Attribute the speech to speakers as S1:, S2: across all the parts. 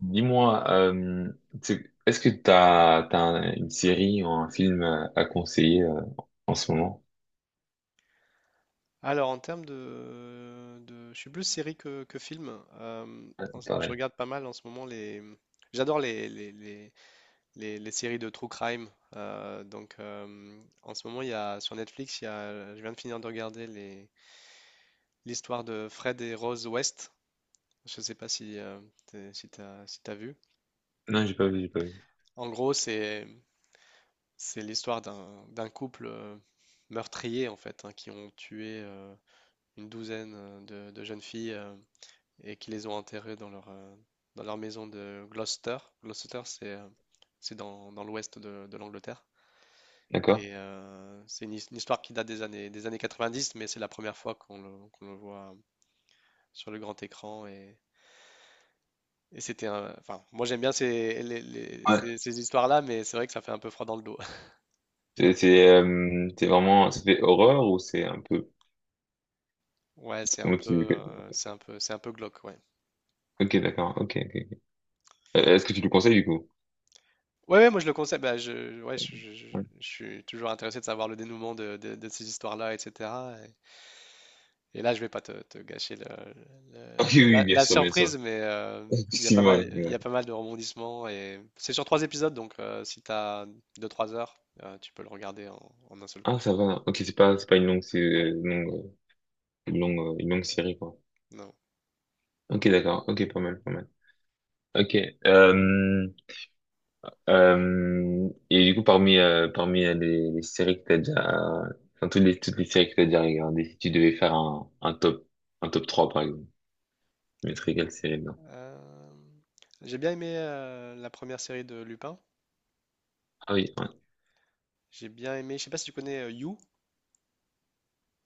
S1: Dis-moi, est-ce que t'as une série ou un film à conseiller en ce moment?
S2: Alors, en termes je suis plus série que film. Euh,
S1: Ouais,
S2: je
S1: pareil.
S2: regarde pas mal en ce moment les. J'adore les séries de true crime. Donc, en ce moment, sur Netflix, je viens de finir de regarder l'histoire de Fred et Rose West. Je sais pas si, si t'as vu.
S1: Non, j'ai pas vu, j'ai pas vu.
S2: En gros, c'est l'histoire d'un couple meurtrier, en fait, hein, qui ont tué une douzaine de, jeunes filles, et qui les ont enterrés dans leur maison de Gloucester. Gloucester, c'est dans l'ouest de l'Angleterre.
S1: D'accord.
S2: Et une histoire qui date des années 90, mais c'est la première fois qu'on le voit sur le grand écran. Enfin, moi j'aime bien ces, les-
S1: Ouais.
S2: ces, ces histoires-là, mais c'est vrai que ça fait un peu froid dans le dos.
S1: C'est vraiment, ça fait horreur ou c'est un peu,
S2: Ouais, c'est un
S1: comment
S2: peu,
S1: tu,
S2: c'est un peu, c'est un peu glauque, ouais.
S1: ok, d'accord, ok, ok. Ok. Est-ce que tu le conseilles du coup?
S2: Ouais, ouais, moi je le conseille. Bah, ouais, je, je- je-
S1: Ouais.
S2: je suis toujours intéressé de savoir le dénouement de ces histoires-là, etc. Et là, je vais pas te gâcher le-
S1: Ah
S2: le-
S1: oui, oui,
S2: la,
S1: bien
S2: la
S1: sûr, bien sûr.
S2: surprise, mais il y a pas
S1: Effectivement.
S2: mal, il y a pas mal de rebondissements et c'est sur trois épisodes, donc si tu as 2-3 heures, tu peux le regarder en un seul
S1: Ah,
S2: coup.
S1: ça va. Ok, c'est pas une longue, c'est une longue série quoi.
S2: Non.
S1: Ok, d'accord. Ok, pas mal, pas mal. Ok. Euh, et du coup, parmi les séries que t'as déjà, enfin, toutes les séries que t'as déjà regardées, si tu devais faire un top, un top, 3 par exemple, tu mettrais quelle série dedans?
S2: Euh, j'ai bien aimé la première série de Lupin.
S1: Ah oui, ouais.
S2: J'ai bien aimé. Je sais pas si tu connais You.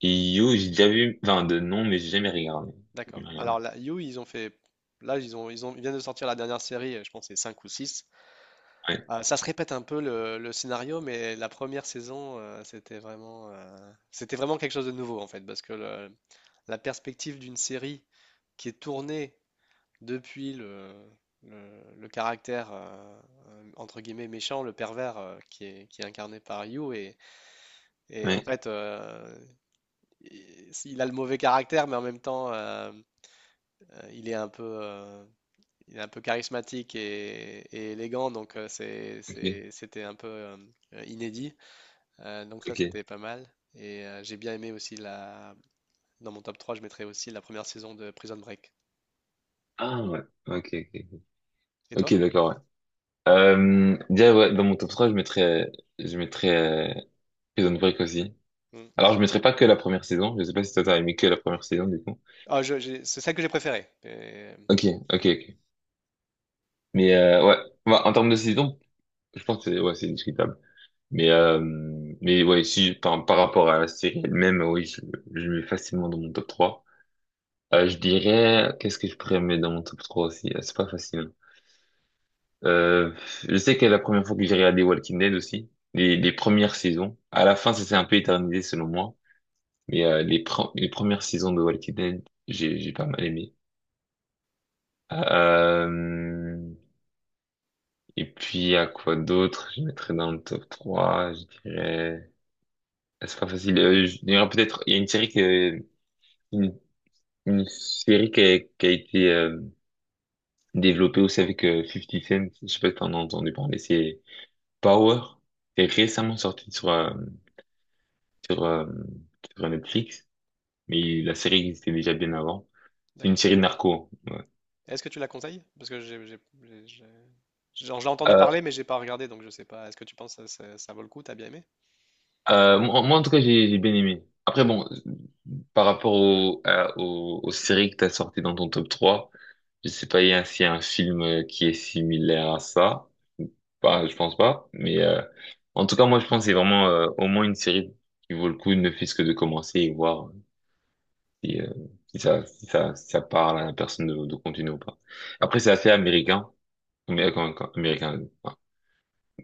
S1: Et You, j'ai déjà vu, enfin, de nom, mais j'ai jamais regardé. J'ai jamais
S2: D'accord.
S1: regardé.
S2: Alors là, You, ils ont fait. Là, ils viennent de sortir la dernière série. Je pense que c'est 5 ou six.
S1: Ouais,
S2: Ah, ça se répète un peu le scénario, mais la première saison, c'était vraiment quelque chose de nouveau en fait, parce que la perspective d'une série qui est tournée depuis le caractère entre guillemets méchant, le pervers qui est incarné par Yu, et en
S1: ouais,
S2: fait, il a le mauvais caractère, mais en même temps, il est un peu, il est un peu charismatique et élégant, donc c'est,
S1: ok,
S2: c'est- c'était un peu inédit. Donc ça,
S1: ok.
S2: c'était pas mal. Et j'ai bien aimé aussi la. Dans mon top 3 je mettrais aussi la première saison de Prison Break.
S1: Ah ouais, ok, ok.
S2: Et toi?
S1: Ok, d'accord, ouais. Déjà, ouais, dans mon top 3, je mettrais, euh, Prison Break aussi.
S2: Mm.
S1: Alors, je mettrais pas que la première saison, je sais pas si toi t'as aimé que la première saison, du coup.
S2: Ah, c'est celle que j'ai préférée.
S1: Ok, ok, ok. Mais ouais, bah, en termes de saison, je pense que c'est, ouais, c'est discutable. Mais euh, mais ouais, si par rapport à la série elle-même, oui, je mets facilement dans mon top trois. Je dirais, qu'est-ce que je pourrais mettre dans mon top 3 aussi? Ah, c'est pas facile, hein. Euh, je sais que la première fois que j'ai regardé Walking Dead aussi, les premières saisons, à la fin ça s'est un peu éternisé selon moi, mais les premières saisons de Walking Dead, j'ai pas mal aimé. Euh, Et puis, à quoi d'autre? Je mettrais dans le top trois, je dirais... Ah, c'est pas facile. Je dirais peut-être... Il y a une série qui... Une, une série qui a été développée aussi avec 50 Cent. Je sais pas si t'en as entendu parler. C'est Power. C'est récemment sorti sur, sur, euh, sur Netflix. Mais la série existait déjà bien avant. C'est une
S2: D'accord.
S1: série de narco.
S2: Est-ce que tu la conseilles? Parce que j'en entendu
S1: Euh,
S2: parler, mais j'ai pas regardé, donc je sais pas. Est-ce que tu penses que ça vaut le coup? T'as bien aimé?
S1: moi, en tout cas, j'ai bien aimé. Après,
S2: D'accord,
S1: bon, par rapport aux séries que t'as sorties dans ton top 3, je sais pas s'il y a un film qui est similaire à ça. Bah, je pense pas. Mais en tout cas, moi, je pense que c'est vraiment au moins une série qui vaut le coup, ne fût-ce que de commencer et voir si, si ça parle à la personne de continuer ou pas. Après, c'est assez américain. Mais américain, enfin,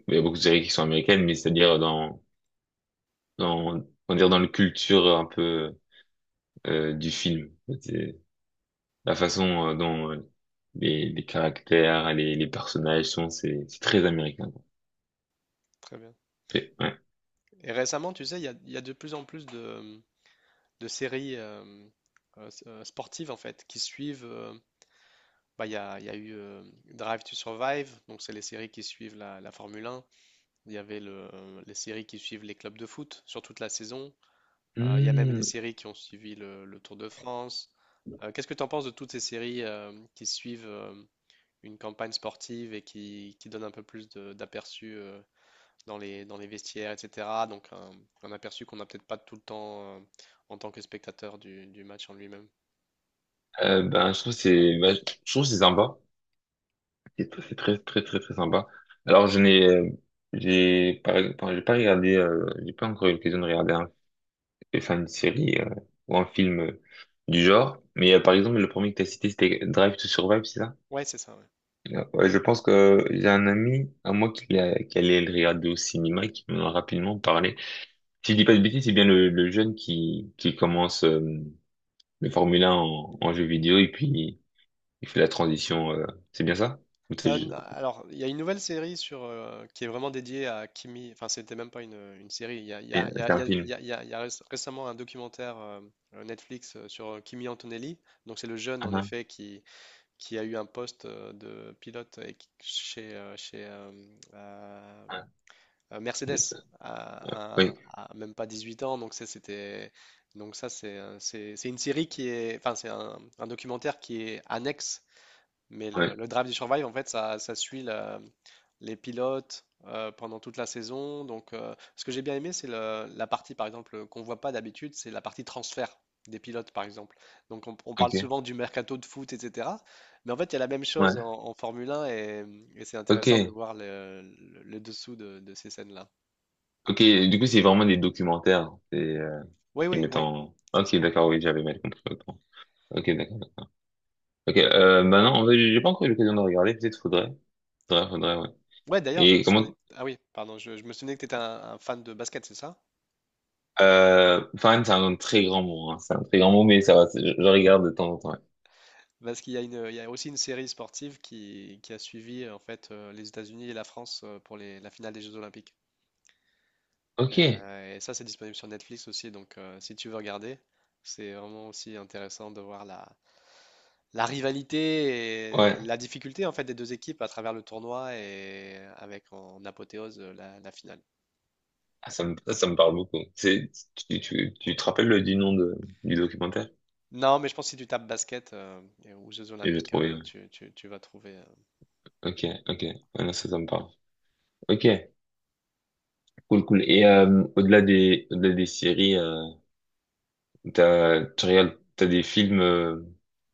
S1: il y a beaucoup de séries qui sont américaines, mais c'est-à-dire on va dire dans la culture un peu du film. La façon dont les caractères, les personnages sont, c'est très américain, quoi.
S2: très bien.
S1: Ouais.
S2: Et récemment, tu sais, il y a de plus en plus de séries sportives en fait qui suivent. Bah, il y a eu Drive to Survive, donc c'est les séries qui suivent la Formule 1. Il y avait les séries qui suivent les clubs de foot sur toute la saison. Il y a même des
S1: Hmm,
S2: séries qui ont suivi le Tour de France. Qu'est-ce que tu en penses de toutes ces séries qui suivent une campagne sportive et qui donnent un peu plus d'aperçu dans les vestiaires, etc. Donc un aperçu qu'on n'a peut-être pas tout le temps en tant que spectateur du match en lui-même.
S1: je trouve que c'est sympa. C'est très très très très sympa. Alors je n'ai j'ai pas, enfin, j'ai pas encore eu l'occasion de regarder une série ou un film du genre. Mais par exemple le premier que t'as cité c'était Drive to Survive, c'est ça?
S2: Ouais, c'est ça. Ouais.
S1: Ouais, je pense que j'ai un ami à moi qui allait le regarder au cinéma et qui m'en a rapidement parlé. Si je dis pas de bêtises, c'est bien le jeune qui commence le Formule 1 en jeu vidéo et puis il fait la transition. C'est bien ça? Ou
S2: Alors, il y a une nouvelle série qui est vraiment dédiée à Kimi. Enfin, c'était même pas une série. Il y a, il y a- il y a-
S1: c'est
S2: il y
S1: un
S2: a-
S1: film.
S2: il y a- réc- récemment un documentaire Netflix sur Kimi Antonelli. Donc, c'est le jeune,
S1: Ah,
S2: en
S1: ah,
S2: effet, qui a eu un poste de pilote et chez euh,
S1: ah,
S2: Mercedes
S1: je-
S2: à,
S1: oui,
S2: à- à même pas 18 ans. Donc, ça, c'était. Donc ça, c'est une série qui est, enfin, c'est un documentaire qui est annexe. Mais
S1: ouais,
S2: le Drive to Survive, en fait, ça suit les pilotes pendant toute la saison. Donc, ce que j'ai bien aimé, c'est la partie, par exemple, qu'on voit pas d'habitude, c'est la partie transfert des pilotes, par exemple. Donc, on parle
S1: ok,
S2: souvent du mercato de foot, etc. Mais en fait, il y a la même chose en,
S1: ouais,
S2: en Formule 1 et c'est
S1: ok,
S2: intéressant de voir le dessous de ces scènes-là.
S1: ok. Du coup, c'est vraiment des documentaires,
S2: Oui,
S1: qui
S2: oui,
S1: mettent
S2: oui,
S1: en.
S2: c'est
S1: Ok,
S2: ça.
S1: d'accord, oui, j'avais mal compris, autant. Ok, d'accord. Ok, bah non, en fait, j'ai pas encore eu l'occasion de regarder. Peut-être faudrait, ouais.
S2: Ouais, d'ailleurs, je me
S1: Et
S2: souvenais.
S1: comment?
S2: Ah oui, pardon, je me souvenais que tu étais un fan de basket, c'est ça?
S1: Fan, c'est un très grand mot, hein, c'est un très grand mot, mais ça va. Je regarde de temps en temps, ouais.
S2: Parce qu'il y a il y a aussi une série sportive qui a suivi en fait les États-Unis et la France pour la finale des Jeux Olympiques.
S1: Ok, ouais.
S2: Et ça, c'est disponible sur Netflix aussi. Donc, si tu veux regarder, c'est vraiment aussi intéressant de voir la rivalité et la difficulté en fait des deux équipes à travers le tournoi et avec en apothéose la finale.
S1: Ah, ça me parle beaucoup. Tu te rappelles du nom du documentaire?
S2: Non, mais je pense que si tu tapes basket ou Jeux
S1: Je j'ai
S2: Olympiques,
S1: trouvé, ouais.
S2: tu vas trouver.
S1: Ok, ok. Voilà, ça me parle. Ok, cool, cool. Et au-delà des séries, t'as des films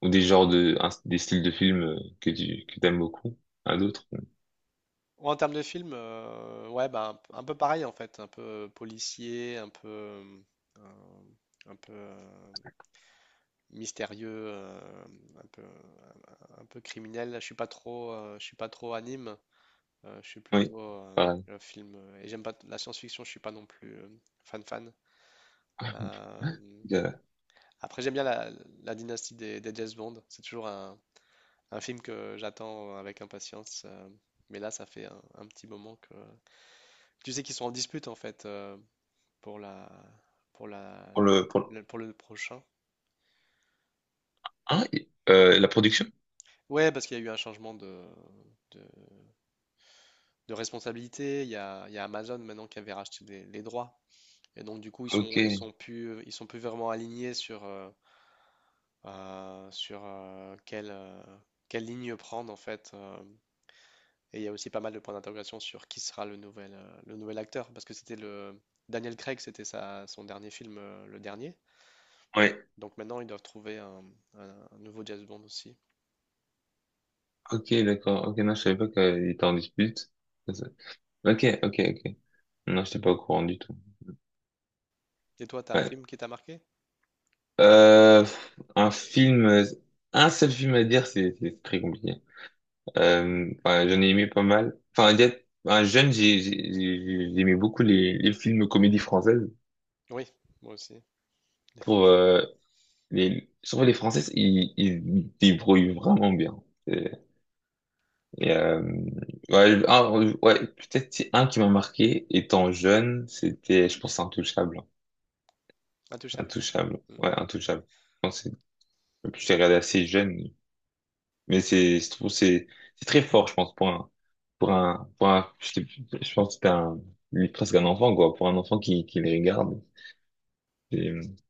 S1: ou des genres des styles de films que t'aimes beaucoup, à d'autres?
S2: Ouais, en termes de film, ouais, bah, un peu pareil en fait, un peu policier, euh, un peu mystérieux, un peu, un peu criminel. Je suis pas trop, je suis pas trop anime. Je suis
S1: Oui,
S2: plutôt
S1: pareil.
S2: film. Et j'aime pas la science-fiction. Je suis pas non plus fan fan. Euh,
S1: Euh,
S2: Après, j'aime bien la dynastie des James Bond. C'est toujours un film que j'attends avec impatience. Mais là, ça fait un petit moment que tu sais qu'ils sont en dispute en fait. Pour la pour la,
S1: Pour le...
S2: le- pour le prochain.
S1: Ah, la production?
S2: Ouais, parce qu'il y a eu un changement de, de responsabilité. Il y a Amazon maintenant qui avait racheté les droits. Et donc du coup, ils
S1: Ok,
S2: sont ils sont plus ils sont plus vraiment alignés sur quelle ligne prendre en fait. Et il y a aussi pas mal de points d'interrogation sur qui sera le nouvel acteur parce que c'était le Daniel Craig, c'était sa son dernier film, le dernier.
S1: ouais,
S2: Donc maintenant, ils doivent trouver un nouveau James Bond aussi.
S1: ok, d'accord. Ok, non, je savais pas qu'il était en dispute. Ok, ok, ok. Non, j'étais pas au courant du tout.
S2: Et toi, t'as un
S1: Ouais.
S2: film qui t'a marqué?
S1: Euh, un film, un seul film à dire, c'est très compliqué. Enfin, j'en ai aimé pas mal. Enfin, un jeune, j'aimais beaucoup les films comédie française.
S2: Oui, moi aussi.
S1: Pour surtout les Françaises, ils débrouillent vraiment bien. Et, et ouais, ouais, peut-être c'est un qui m'a marqué étant jeune, c'était, je pense, Intouchable.
S2: Intouchable.
S1: Intouchable.
S2: Mm.
S1: Ouais, Intouchable. Et puis, je l'ai regardé assez jeune. Mais je trouve, c'est très fort, je pense, pour un, pour un, je, je pense que c'était un, lui, presque un enfant, quoi, pour un enfant qui les regarde. Je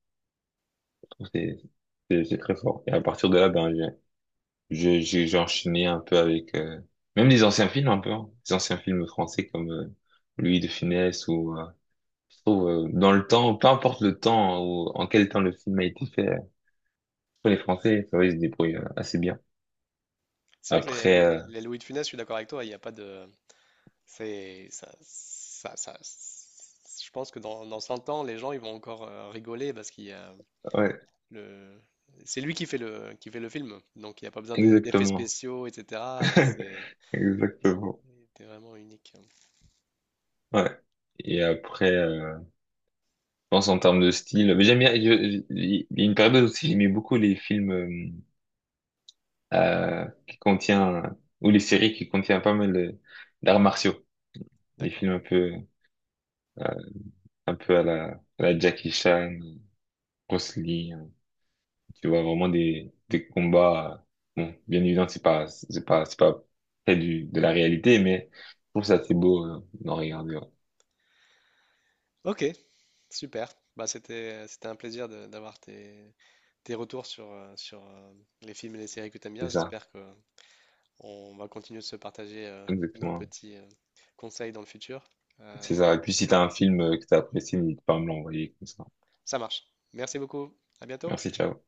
S1: trouve que c'est très fort. Et à partir de là, ben, j'ai enchaîné un peu avec, même les anciens films, un peu, hein. Les anciens films français comme, Louis de Funès ou, je trouve, dans le temps, peu importe le temps ou en quel temps le film a été fait, les Français, ça va, ils se débrouillent assez bien.
S2: C'est vrai que les,
S1: Après,
S2: les- les Louis de Funès, je suis d'accord avec toi, il n'y a pas de. C'est. Ça- Je pense que dans 100 ans, les gens ils vont encore rigoler parce qu'il y a
S1: ouais,
S2: le. C'est lui qui fait le film, donc il n'y a pas besoin d'effets
S1: exactement.
S2: spéciaux, etc. C'est
S1: Exactement.
S2: c'était vraiment unique.
S1: Ouais. Et après, je pense en termes de style, mais j'aime bien. Il y a une période aussi, j'aimais beaucoup les films qui contient ou les séries qui contiennent pas mal d'arts martiaux, des
S2: D'accord.
S1: films euh, un peu à la Jackie Chan, Bruce Lee, hein. Tu vois vraiment des combats. Bon, bien évidemment, c'est pas près du de la réalité, mais je trouve ça assez beau d'en regarder, ouais.
S2: Ok, super. Bah, c'était un plaisir d'avoir tes retours sur les films et les séries que tu aimes bien.
S1: C'est ça,
S2: J'espère que on va continuer de se partager nos
S1: exactement.
S2: petits conseils dans le futur. Euh,
S1: C'est ça. Et puis si t'as un film que t'as apprécié, n'hésite pas à me l'envoyer comme ça.
S2: Ça marche. Merci beaucoup. À bientôt.
S1: Merci, ciao.